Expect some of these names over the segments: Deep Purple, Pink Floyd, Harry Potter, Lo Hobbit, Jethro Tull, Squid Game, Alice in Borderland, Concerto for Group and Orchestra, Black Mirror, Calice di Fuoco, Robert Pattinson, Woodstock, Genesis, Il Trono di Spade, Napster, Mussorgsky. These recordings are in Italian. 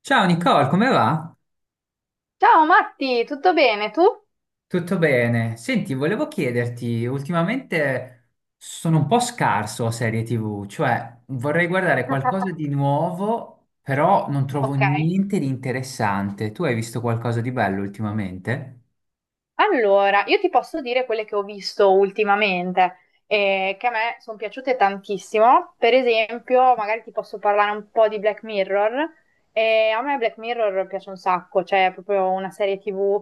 Ciao Nicole, come va? Ciao Matti, tutto bene? Tu? Tutto bene? Senti, volevo chiederti, ultimamente sono un po' scarso a serie TV, cioè vorrei guardare qualcosa di nuovo, però non trovo Ok, niente di interessante. Tu hai visto qualcosa di bello ultimamente? allora io ti posso dire quelle che ho visto ultimamente che a me sono piaciute tantissimo. Per esempio, magari ti posso parlare un po' di Black Mirror. A me Black Mirror piace un sacco, cioè è proprio una serie TV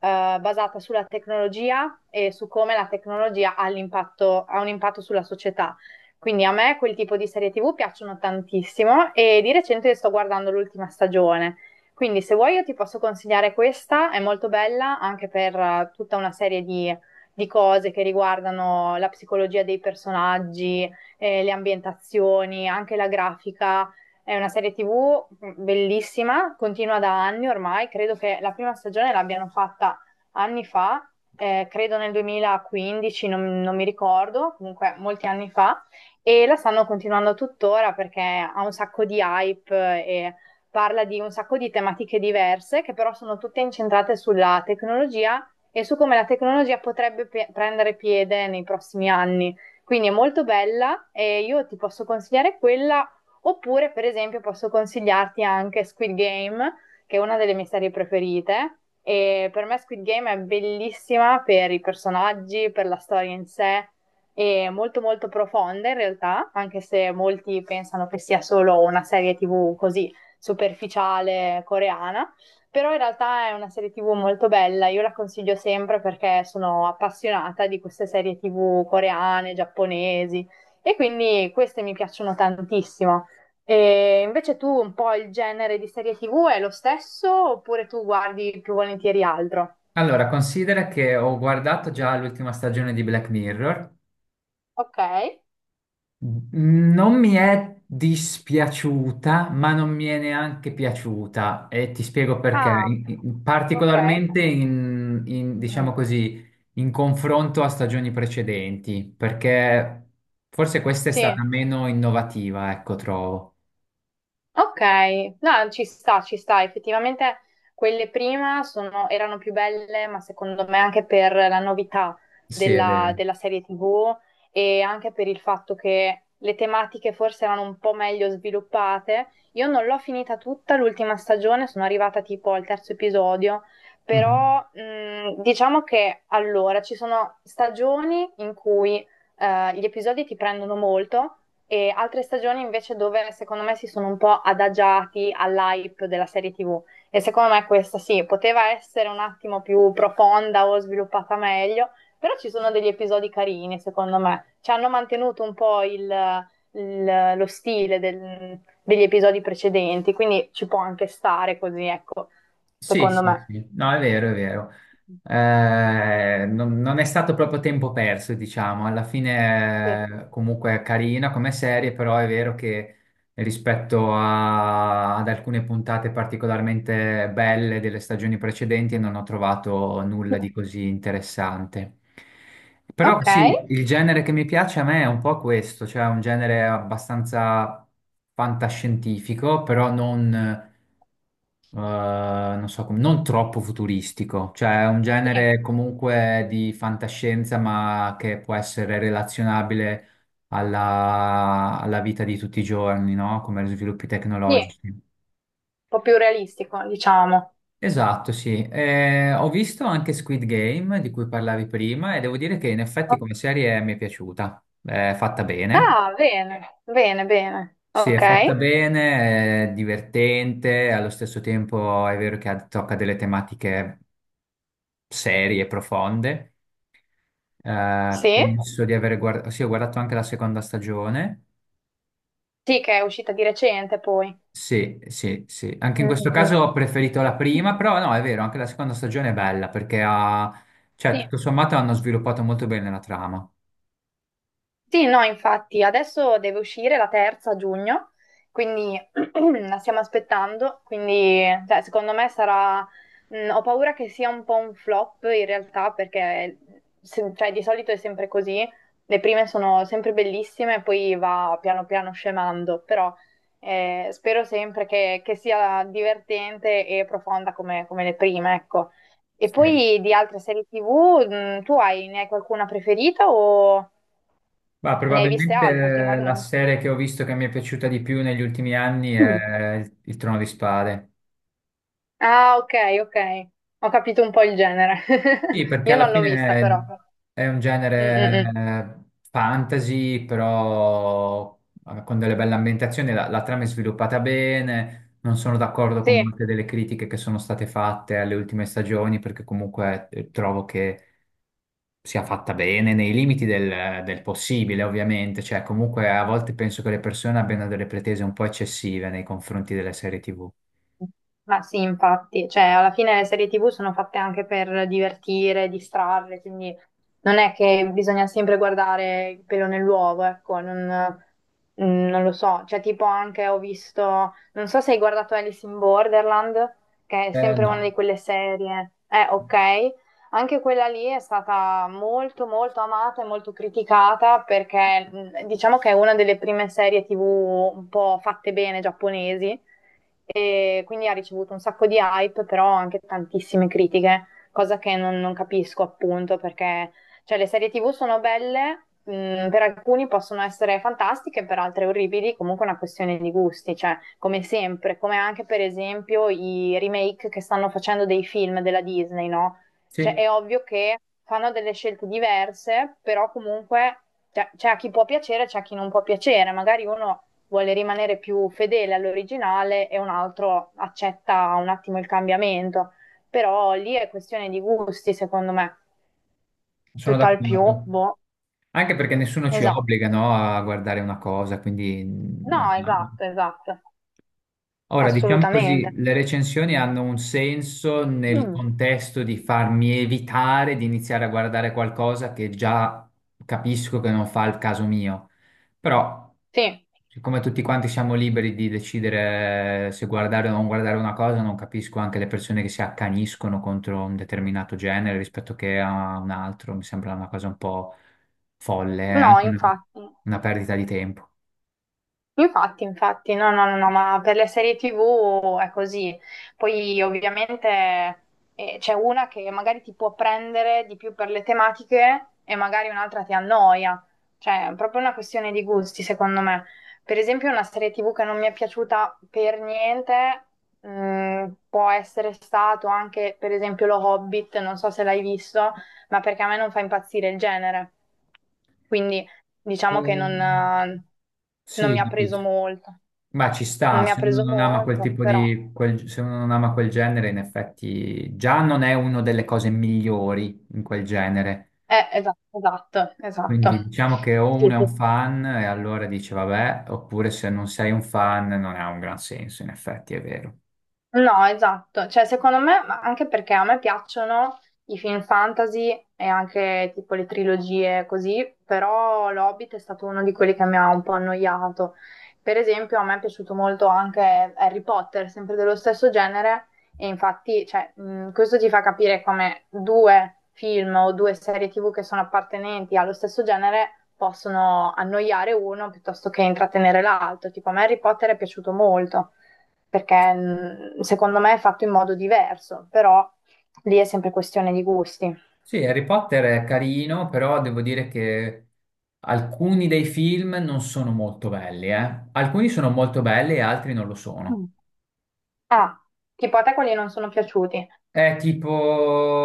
basata sulla tecnologia e su come la tecnologia ha un impatto sulla società. Quindi a me quel tipo di serie TV piacciono tantissimo e di recente sto guardando l'ultima stagione. Quindi se vuoi io ti posso consigliare questa, è molto bella anche per tutta una serie di cose che riguardano la psicologia dei personaggi, le ambientazioni, anche la grafica. È una serie TV bellissima, continua da anni ormai, credo che la prima stagione l'abbiano fatta anni fa, credo nel 2015, non mi ricordo, comunque molti anni fa, e la stanno continuando tuttora perché ha un sacco di hype e parla di un sacco di tematiche diverse che però sono tutte incentrate sulla tecnologia e su come la tecnologia potrebbe prendere piede nei prossimi anni. Quindi è molto bella e io ti posso consigliare quella, oppure per esempio posso consigliarti anche Squid Game, che è una delle mie serie preferite. E per me Squid Game è bellissima per i personaggi, per la storia in sé, è molto molto profonda in realtà, anche se molti pensano che sia solo una serie TV così superficiale coreana, però in realtà è una serie TV molto bella, io la consiglio sempre perché sono appassionata di queste serie TV coreane, giapponesi e quindi queste mi piacciono tantissimo. E invece tu un po' il genere di serie TV è lo stesso oppure tu guardi più volentieri altro? Allora, considera che ho guardato già l'ultima stagione di Black Mirror. Ok. Non mi è dispiaciuta, ma non mi è neanche piaciuta e ti spiego perché. Ah, ok. Particolarmente Mm. diciamo così, in confronto a stagioni precedenti, perché forse questa è Sì. stata meno innovativa, ecco, trovo. Ok, no, ci sta, ci sta. Effettivamente quelle prima erano più belle, ma secondo me anche per la novità Sì, è della, vero. della serie TV e anche per il fatto che le tematiche forse erano un po' meglio sviluppate. Io non l'ho finita tutta l'ultima stagione, sono arrivata tipo al terzo episodio, Mhm. però diciamo che allora ci sono stagioni in cui gli episodi ti prendono molto e altre stagioni invece dove secondo me si sono un po' adagiati all'hype della serie TV e secondo me questa sì, poteva essere un attimo più profonda o sviluppata meglio, però ci sono degli episodi carini secondo me, ci hanno mantenuto un po' lo stile degli episodi precedenti, quindi ci può anche stare così, ecco, Sì, secondo sì, me. sì, no, è vero, è vero. Non è stato proprio tempo perso, diciamo. Alla Sì. fine, comunque, è carina come serie, però è vero che rispetto a- ad alcune puntate particolarmente belle delle stagioni precedenti non ho trovato nulla di così interessante. Però Ok, sì, il genere che mi piace a me è un po' questo, cioè un genere abbastanza fantascientifico, però non non so come- non troppo futuristico, cioè è un sì, genere comunque di fantascienza, ma che può essere relazionabile alla vita di tutti i giorni, no? Come gli sviluppi sì, un tecnologici. po' più realistico, diciamo. Esatto, sì. Ho visto anche Squid Game, di cui parlavi prima, e devo dire che in effetti come serie mi è piaciuta. È fatta bene. Ah, bene, bene, bene. Sì, è Ok, fatta bene, è divertente, allo stesso tempo è vero che ha- tocca delle tematiche serie, profonde. Sì. Penso di aver guardato, sì, ho guardato anche la seconda stagione. Sì, che è uscita di recente poi. Sì, sì, sì. Anche in Mm, questo caso mm, ho preferito la mm. prima, però no, è vero, anche la seconda stagione è bella perché ha, cioè, Sì. tutto sommato hanno sviluppato molto bene la trama. Sì, no, infatti, adesso deve uscire la terza a giugno, quindi la stiamo aspettando, quindi cioè, secondo me sarà. Ho paura che sia un po' un flop in realtà, perché cioè, di solito è sempre così, le prime sono sempre bellissime e poi va piano piano scemando, però spero sempre che sia divertente e profonda come le prime, ecco. E Sì. poi di altre serie TV, ne hai qualcuna preferita o... Ma Ne hai viste altre probabilmente la ultimamente? serie che ho visto che mi è piaciuta di più negli ultimi anni Mm. è Il Trono di Spade. Ah, ok, ok. Ho capito un po' il genere. Sì, perché Io alla non l'ho vista, però. fine è un Mm, mm, genere mm. Fantasy, però con delle belle ambientazioni, la trama è sviluppata bene, non sono d'accordo con Sì. molte delle critiche che sono state fatte alle ultime stagioni, perché comunque trovo che sia fatta bene nei limiti del possibile, ovviamente, cioè comunque a volte penso che le persone abbiano delle pretese un po' eccessive nei confronti delle serie TV. Ma sì, infatti, cioè alla fine le serie TV sono fatte anche per divertire, distrarre, quindi non è che bisogna sempre guardare il pelo nell'uovo, ecco, non lo so, cioè tipo anche ho visto, non so se hai guardato Alice in Borderland, che è sempre una No, di quelle serie, ok, anche quella lì è stata molto molto amata e molto criticata perché diciamo che è una delle prime serie TV un po' fatte bene giapponesi e quindi ha ricevuto un sacco di hype, però anche tantissime critiche, cosa che non capisco appunto perché cioè, le serie TV sono belle, per alcuni possono essere fantastiche, per altre orribili, comunque è una questione di gusti, cioè come sempre, come anche per esempio i remake che stanno facendo dei film della Disney, no? Cioè sì, è ovvio che fanno delle scelte diverse, però comunque cioè, c'è a chi può piacere, c'è a chi non può piacere, magari uno vuole rimanere più fedele all'originale e un altro accetta un attimo il cambiamento. Però lì è questione di gusti, secondo me. sono Tutt'al più, d'accordo. boh, Anche perché nessuno ci esatto. obbliga, no, a guardare una cosa, quindi non- No, no, esatto, esatto, ora, diciamo così, assolutamente. le recensioni hanno un senso nel Mm, contesto di farmi evitare di iniziare a guardare qualcosa che già capisco che non fa il caso mio. Però, sì, siccome tutti quanti siamo liberi di decidere se guardare o non guardare una cosa, non capisco anche le persone che si accaniscono contro un determinato genere rispetto che a un altro. Mi sembra una cosa un po' folle, è no, anche infatti. una perdita di tempo. Infatti, infatti, no, no, no, no, ma per le serie TV è così. Poi ovviamente c'è una che magari ti può prendere di più per le tematiche e magari un'altra ti annoia. Cioè, è proprio una questione di gusti, secondo me. Per esempio, una serie TV che non mi è piaciuta per niente, può essere stato anche, per esempio, Lo Hobbit, non so se l'hai visto, ma perché a me non fa impazzire il genere. Quindi diciamo che non, Ehm, eh, non mi Sì, ha preso capisco. molto, Ma ci non sta, mi ha se uno preso non ama quel molto, tipo però... di, quel- se uno non ama quel genere, in effetti già non è una delle cose migliori in quel genere. Esatto, esatto, esatto. Quindi diciamo che o Sì, uno è un sì, fan e allora dice vabbè, oppure se non sei un fan non ha un gran senso, in effetti è vero. no, esatto, cioè secondo me, ma anche perché a me piacciono i film fantasy e anche tipo le trilogie così, però L'Hobbit è stato uno di quelli che mi ha un po' annoiato. Per esempio, a me è piaciuto molto anche Harry Potter, sempre dello stesso genere, e infatti, cioè, questo ti fa capire come due film o due serie TV che sono appartenenti allo stesso genere possono annoiare uno piuttosto che intrattenere l'altro. Tipo, a me Harry Potter è piaciuto molto perché secondo me è fatto in modo diverso, però lì è sempre questione di gusti. Sì, Harry Potter è carino, però devo dire che alcuni dei film non sono molto belli, eh. Alcuni sono molto belli e altri non lo sono. Mm. Ah, tipo a te quelli non sono piaciuti, È tipo,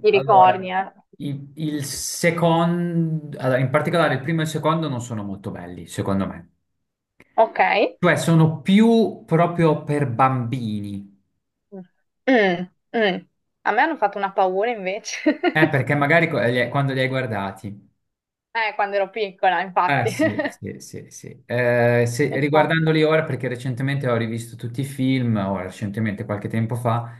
ti allora, ricordi, eh? Il secondo, allora, in particolare il primo e il secondo non sono molto belli, secondo me. Ok. Cioè, sono più proprio per bambini. Mm, mm. A me hanno fatto una paura invece. Perché magari co- li- quando li hai guardati. Quando ero piccola, Ah, infatti. sì, sì, sì, sì. Se- Infatti. riguardandoli ora, perché recentemente ho rivisto tutti i film, o recentemente qualche tempo fa,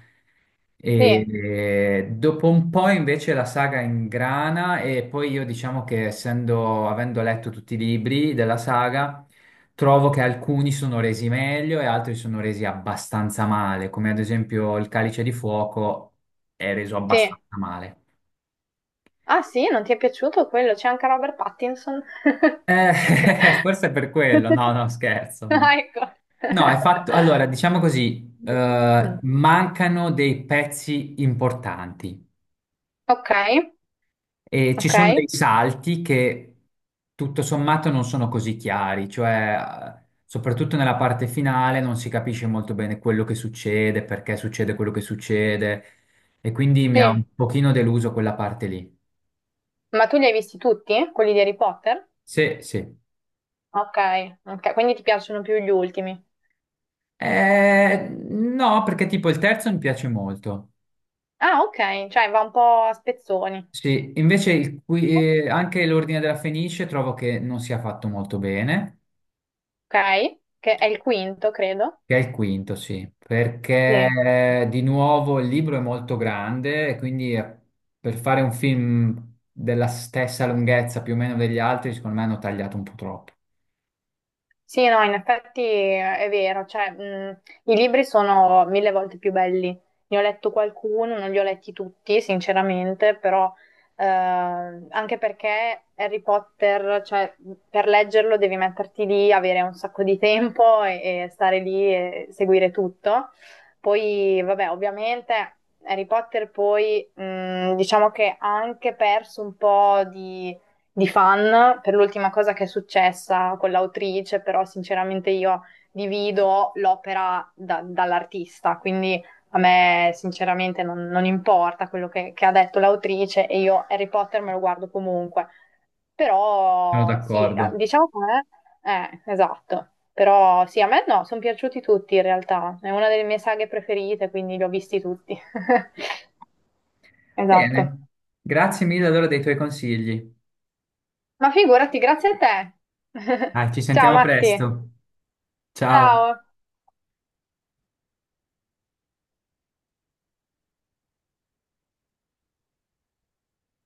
Sì, e dopo un po' invece la saga ingrana e poi io diciamo che essendo, avendo letto tutti i libri della saga, trovo che alcuni sono resi meglio e altri sono resi abbastanza male, come ad esempio il Calice di Fuoco è reso sì. abbastanza male. Ah sì, non ti è piaciuto quello? C'è anche Robert Pattinson. Forse è per quello, no, no, scherzo, no. Ah, ecco. No, è fatto. Allora, diciamo così, Mm. mancano dei pezzi importanti Ok, e ci ok. sono dei salti che tutto sommato non sono così chiari, cioè soprattutto nella parte finale non si capisce molto bene quello che succede, perché succede quello che succede e quindi mi ha un Sì. pochino deluso quella parte lì. Ma tu li hai visti tutti, quelli di Harry Potter? Sì, sì. Ok, ok, quindi ti piacciono più gli ultimi. No, perché tipo il terzo mi piace molto. Ah, ok, cioè va un po' a spezzoni. Sì, invece il qui- anche l'Ordine della Fenice trovo che non sia fatto molto bene, Ok, che è il quinto, credo. che è il quinto, sì, Sì. perché di nuovo il libro è molto grande e quindi per fare un film della stessa lunghezza più o meno degli altri, secondo me hanno tagliato un po' troppo. Sì, no, in effetti è vero, cioè, i libri sono mille volte più belli. Ne ho letto qualcuno, non li ho letti tutti, sinceramente, però anche perché Harry Potter, cioè, per leggerlo devi metterti lì, avere un sacco di tempo e stare lì e seguire tutto. Poi, vabbè, ovviamente Harry Potter poi, diciamo che ha anche perso un po' di fan per l'ultima cosa che è successa con l'autrice, però sinceramente io divido l'opera dall'artista, quindi a me sinceramente non importa quello che ha detto l'autrice e io Harry Potter me lo guardo comunque. Sono Però sì, d'accordo. diciamo che esatto. Però sì, a me no, sono piaciuti tutti in realtà. È una delle mie saghe preferite, quindi li ho visti tutti. Esatto. Bene, grazie mille allora dei tuoi consigli. Ma figurati, grazie a te. Dai, ci Ciao sentiamo Matti. presto. Ciao. Ciao.